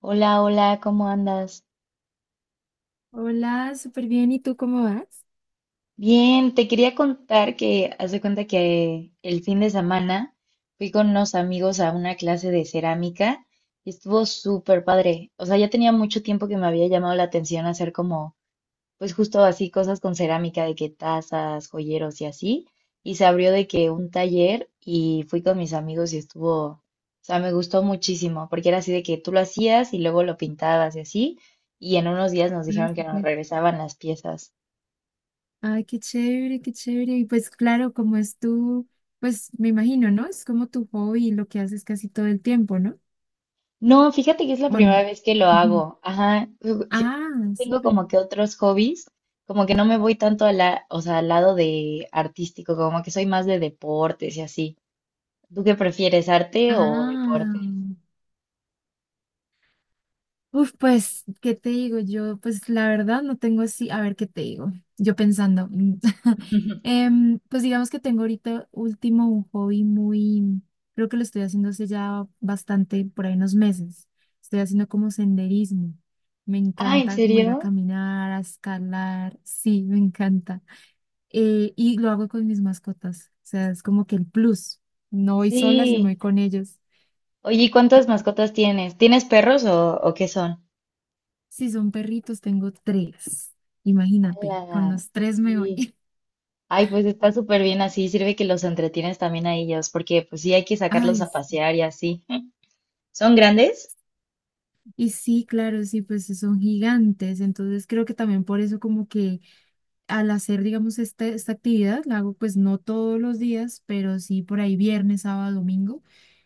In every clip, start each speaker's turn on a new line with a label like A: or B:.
A: Hola, hola, ¿cómo andas?
B: Hola, súper bien. ¿Y tú cómo vas?
A: Bien, te quería contar que haz de cuenta que el fin de semana fui con unos amigos a una clase de cerámica y estuvo súper padre. O sea, ya tenía mucho tiempo que me había llamado la atención hacer como pues justo así cosas con cerámica, de que tazas, joyeros y así. Y se abrió de que un taller y fui con mis amigos y estuvo, o sea, me gustó muchísimo, porque era así de que tú lo hacías y luego lo pintabas y así. Y en unos días nos
B: Ah,
A: dijeron que nos
B: súper.
A: regresaban las piezas.
B: Ay, qué chévere, qué chévere. Y pues claro, como es tu, pues me imagino, ¿no? Es como tu hobby, lo que haces casi todo el tiempo, ¿no?
A: No, fíjate que es la
B: ¿O
A: primera
B: no?
A: vez que lo
B: Ujú.
A: hago. Ajá.
B: Ah,
A: Generalmente tengo
B: súper.
A: como que otros hobbies, como que no me voy tanto a la, o sea, al lado de artístico, como que soy más de deportes y así. ¿Tú qué prefieres, arte o
B: Ah.
A: deportes?
B: Uf, pues, ¿qué te digo? Yo, pues, la verdad no tengo así, a ver, ¿qué te digo? Yo pensando, pues digamos que tengo ahorita último un hobby muy, creo que lo estoy haciendo hace ya bastante, por ahí unos meses. Estoy haciendo como senderismo. Me
A: Ah, ¿en
B: encanta como ir a
A: serio?
B: caminar, a escalar, sí, me encanta. Y lo hago con mis mascotas, o sea, es como que el plus. No voy sola, sino
A: Sí.
B: voy con ellos.
A: Oye, ¿y cuántas mascotas tienes? ¿Tienes perros o qué son?
B: Si son perritos, tengo tres. Imagínate,
A: Ala,
B: con los tres me
A: sí.
B: voy.
A: Ay, pues está súper bien así. Sirve que los entretienes también a ellos, porque pues sí hay que sacarlos
B: Ay,
A: a pasear y así. ¿Son grandes?
B: y sí, claro, sí, pues son gigantes, entonces creo que también por eso como que al hacer, digamos, esta actividad, la hago pues no todos los días, pero sí por ahí viernes, sábado, domingo.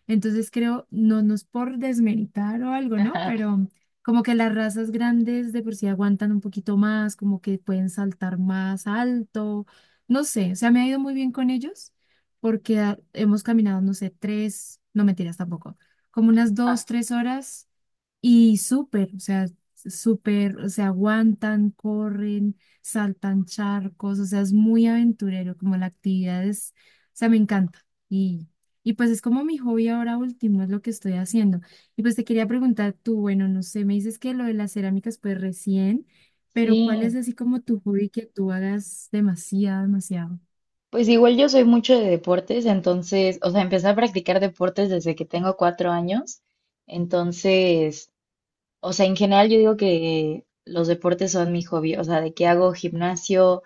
B: Entonces creo, no, no es por desmeritar o algo, ¿no? Pero como que las razas grandes de por sí aguantan un poquito más, como que pueden saltar más alto, no sé, o sea, me ha ido muy bien con ellos porque hemos caminado, no sé, tres, no mentiras tampoco, como unas dos, tres horas y súper, o sea, súper, se aguantan, corren, saltan charcos, o sea, es muy aventurero, como la actividad es, o sea, me encanta. Y pues es como mi hobby ahora último, es lo que estoy haciendo. Y pues te quería preguntar tú, bueno, no sé, me dices que lo de las cerámicas, pues recién, pero ¿cuál
A: Sí.
B: es así como tu hobby que tú hagas demasiado, demasiado?
A: Pues igual yo soy mucho de deportes, entonces, o sea, empecé a practicar deportes desde que tengo 4 años. Entonces, o sea, en general yo digo que los deportes son mi hobby, o sea, de que hago gimnasio.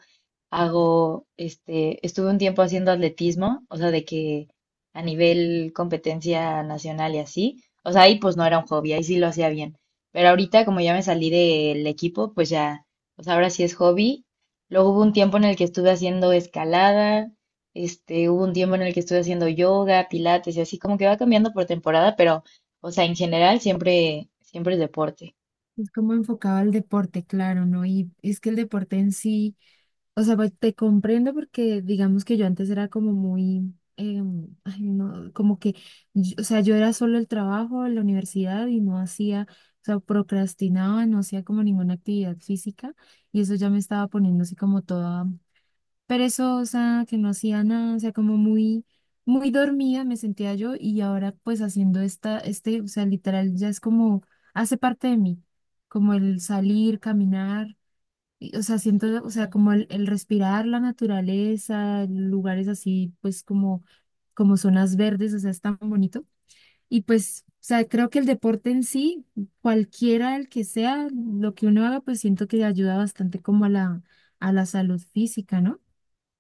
A: Hago, este, estuve un tiempo haciendo atletismo, o sea, de que a nivel competencia nacional y así, o sea, ahí pues no era un hobby, ahí sí lo hacía bien, pero ahorita como ya me salí del equipo, pues ya, pues ahora sí es hobby. Luego hubo un tiempo en el que estuve haciendo escalada, este, hubo un tiempo en el que estuve haciendo yoga, pilates y así, como que va cambiando por temporada, pero, o sea, en general siempre es deporte.
B: Es como enfocado al deporte, claro, ¿no? Y es que el deporte en sí. O sea, pues, te comprendo porque digamos que yo antes era como muy, ay, no, como que, o sea, yo era solo el trabajo, la universidad y no hacía, o sea, procrastinaba, no hacía como ninguna actividad física y eso ya me estaba poniendo así como toda perezosa, que no hacía nada, o sea, como muy, muy dormida me sentía yo y ahora pues haciendo esta, o sea, literal ya es como, hace parte de mí, como el salir, caminar y, o sea, siento, o sea, como el respirar la naturaleza, lugares así, pues como zonas verdes, o sea, es tan bonito. Y pues, o sea, creo que el deporte en sí, cualquiera el que sea, lo que uno haga, pues siento que ayuda bastante como a la salud física, ¿no?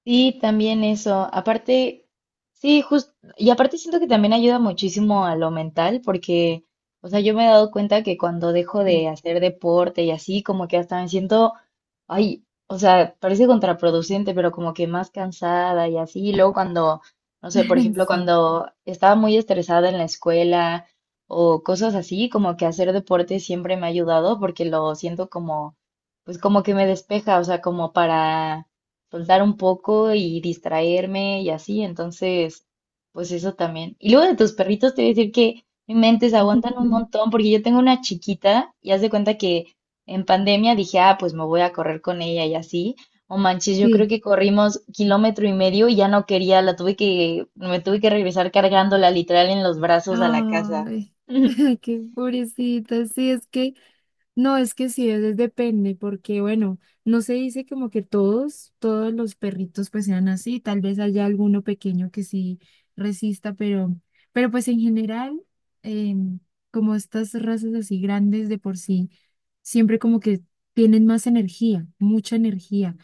A: Sí, también eso. Aparte, sí, justo, y aparte siento que también ayuda muchísimo a lo mental, porque, o sea, yo me he dado cuenta que cuando dejo
B: Sí,
A: de hacer deporte y así, como que hasta me siento, ay, o sea, parece contraproducente, pero como que más cansada y así. Y luego cuando, no sé, por ejemplo,
B: sí,
A: cuando estaba muy estresada en la escuela o cosas así, como que hacer deporte siempre me ha ayudado porque lo siento como, pues como que me despeja, o sea, como para soltar un poco y distraerme y así, entonces, pues eso también. Y luego de tus perritos te voy a decir que mi mente se aguantan un montón porque yo tengo una chiquita y haz de cuenta que en pandemia dije, ah, pues me voy a correr con ella y así. O manches, yo creo
B: sí.
A: que corrimos kilómetro y medio y ya no quería, la tuve que, me tuve que regresar cargándola literal en los brazos a la casa.
B: Ay, qué pobrecita, sí, es que no, es que sí, es, depende, porque bueno, no se dice como que todos, todos los perritos pues sean así, tal vez haya alguno pequeño que sí resista, pero, pues en general, em, como estas razas así grandes de por sí, siempre como que tienen más energía, mucha energía,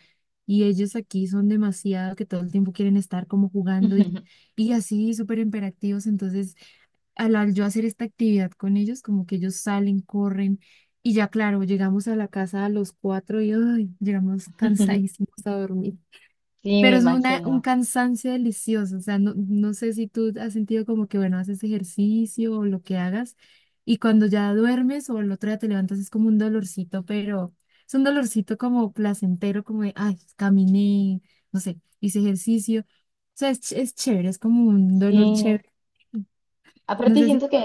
B: y ellos aquí son demasiado que todo el tiempo quieren estar como jugando y, y así súper imperativos, entonces al yo hacer esta actividad con ellos, como que ellos salen, corren y ya claro, llegamos a la casa a los cuatro y ay, llegamos cansadísimos a dormir.
A: Sí, me
B: Pero es un
A: imagino.
B: cansancio delicioso. O sea, no, no sé si tú has sentido como que, bueno, haces ejercicio o lo que hagas y cuando ya duermes o el otro día te levantas es como un dolorcito, pero es un dolorcito como placentero, como de, ay, caminé, no sé, hice ejercicio. O sea, es, es chévere, es como un dolor
A: Sí.
B: chévere. No
A: Aparte
B: sé si,
A: siento que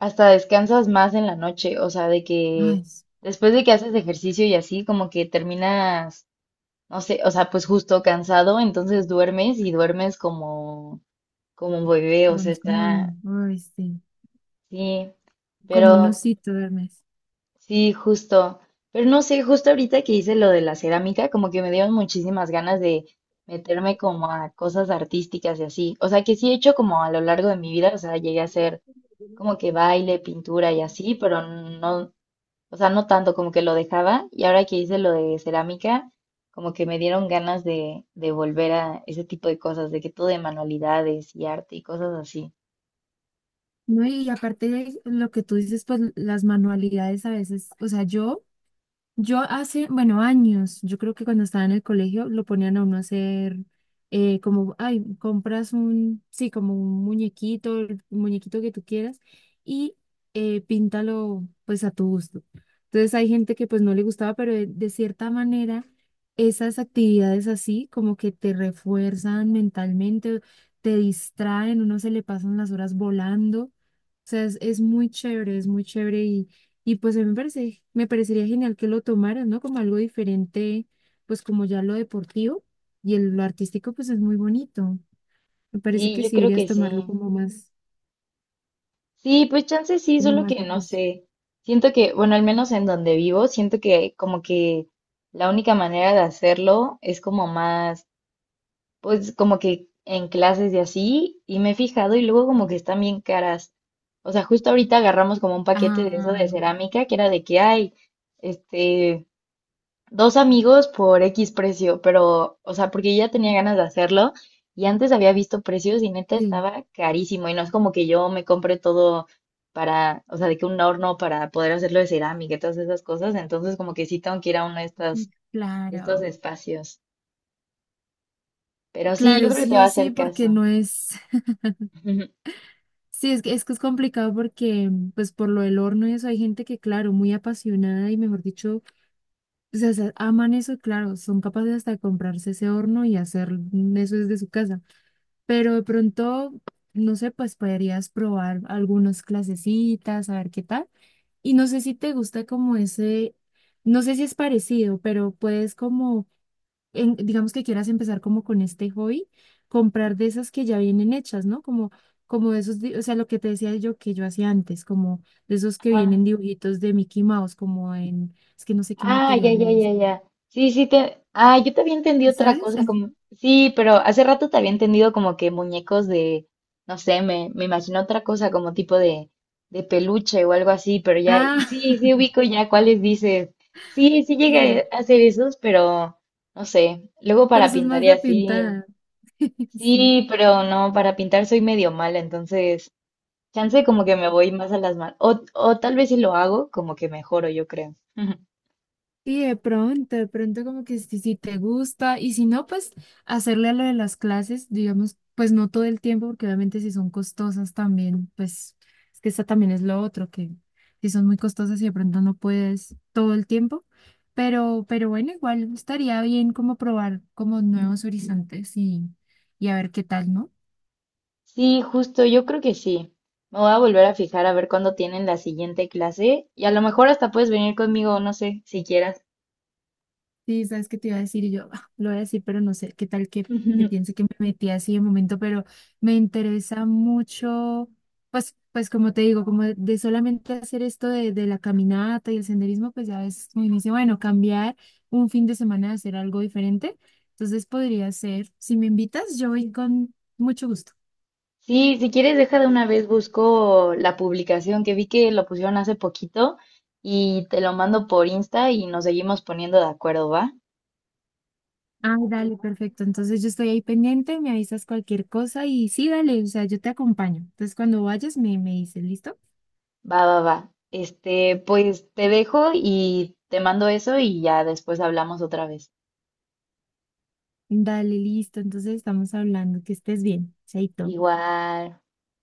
A: hasta descansas más en la noche, o sea, de que
B: ay,
A: después de que haces ejercicio y así, como que terminas, no sé, o sea, pues justo cansado, entonces duermes y duermes como, como un bebé, o
B: bueno,
A: sea,
B: es como,
A: está,
B: ay, sí,
A: sí,
B: como un
A: pero
B: osito duermes.
A: sí, justo, pero no sé, justo ahorita que hice lo de la cerámica, como que me dieron muchísimas ganas de meterme como a cosas artísticas y así, o sea, que sí he hecho como a lo largo de mi vida, o sea, llegué a hacer como que baile, pintura y así, pero no, o sea, no tanto como que lo dejaba. Y ahora que hice lo de cerámica, como que me dieron ganas de volver a ese tipo de cosas, de que todo de manualidades y arte y cosas así.
B: No, y aparte de lo que tú dices, pues las manualidades a veces, o sea, yo hace, bueno, años, yo creo que cuando estaba en el colegio lo ponían a uno a hacer como, ay, compras un, sí, como un muñequito, el muñequito que tú quieras y píntalo pues a tu gusto. Entonces hay gente que pues no le gustaba, pero de cierta manera esas actividades así como que te refuerzan mentalmente, te distraen, uno se le pasan las horas volando. O sea, es muy chévere, es muy chévere y pues a mí me parece, me parecería genial que lo tomaran, ¿no? Como algo diferente, pues como ya lo deportivo y lo artístico, pues es muy bonito. Me parece
A: Sí,
B: que
A: yo
B: sí
A: creo
B: deberías
A: que sí.
B: tomarlo
A: Sí, pues chance sí,
B: como
A: solo
B: más,
A: que
B: de
A: no
B: curso.
A: sé. Siento que, bueno, al menos en donde vivo, siento que como que la única manera de hacerlo es como más, pues como que en clases y así, y me he fijado y luego como que están bien caras. O sea, justo ahorita agarramos como un paquete de eso
B: Ah,
A: de cerámica, que era de que hay, este, dos amigos por X precio, pero, o sea, porque ya tenía ganas de hacerlo y antes había visto precios y neta
B: sí.
A: estaba carísimo y no es como que yo me compre todo para, o sea, de que un horno para poder hacerlo de cerámica y todas esas cosas, entonces como que sí tengo que ir a uno de estos, estos
B: Claro.
A: espacios. Pero sí, yo
B: Claro,
A: creo que te
B: sí
A: va a
B: o sí,
A: hacer
B: porque
A: caso.
B: no es... Sí, es que es complicado porque, pues por lo del horno y eso, hay gente que, claro, muy apasionada y mejor dicho, pues, o sea, aman eso, y, claro, son capaces hasta de comprarse ese horno y hacer eso desde su casa. Pero de pronto, no sé, pues podrías probar algunas clasecitas, a ver qué tal. Y no sé si te gusta como ese, no sé si es parecido, pero puedes como, digamos que quieras empezar como con este hobby, comprar de esas que ya vienen hechas, ¿no? Como de esos, o sea, lo que te decía yo que yo hacía antes, como de esos que vienen
A: Ajá.
B: dibujitos de Mickey Mouse, como en, es que no sé qué
A: Ah, ya,
B: material
A: ya,
B: es,
A: ya, ya. Sí, sí, te... Ah, yo te había entendido otra
B: ¿sabes?
A: cosa, como... Sí, pero hace rato te había entendido como que muñecos de... No sé, me imagino otra cosa, como tipo de peluche o algo así, pero ya...
B: Ah,
A: Sí, sí, ubico ya cuáles dices. Sí, sí
B: sí,
A: llegué a hacer esos, pero... No sé, luego
B: pero
A: para
B: eso es
A: pintar
B: más
A: y
B: de
A: así...
B: pintada. Sí.
A: Sí, pero no, para pintar soy medio mala, entonces... Chance como que me voy más a las manos. O tal vez si lo hago, como que mejoro, yo creo.
B: Y de pronto, como que si, te gusta y si no, pues hacerle a lo de las clases, digamos, pues no todo el tiempo, porque obviamente si son costosas también, pues es que esa también es lo otro, que si son muy costosas y de pronto no puedes todo el tiempo, pero, bueno, igual estaría bien como probar como nuevos horizontes y a ver qué tal, ¿no?
A: Sí, justo, yo creo que sí. Me voy a volver a fijar a ver cuándo tienen la siguiente clase y a lo mejor hasta puedes venir conmigo, no sé, si quieras.
B: Sí, sabes qué te iba a decir y yo, ah, lo voy a decir, pero no sé qué tal que piense que me metí así de momento, pero me interesa mucho, pues, como te digo, como de solamente hacer esto de la caminata y el senderismo, pues ya ves, me dice, bueno, cambiar un fin de semana a hacer algo diferente. Entonces podría ser, si me invitas, yo voy con mucho gusto.
A: Sí, si quieres, deja de una vez busco la publicación que vi que lo pusieron hace poquito y te lo mando por Insta y nos seguimos poniendo de acuerdo, ¿va?
B: Ah, dale, perfecto. Entonces yo estoy ahí pendiente, me avisas cualquier cosa y sí, dale, o sea, yo te acompaño. Entonces cuando vayas me dices, ¿listo?
A: Va, va, va. Este, pues te dejo y te mando eso y ya después hablamos otra vez.
B: Dale, listo. Entonces estamos hablando. Que estés bien. Chaito.
A: Igual.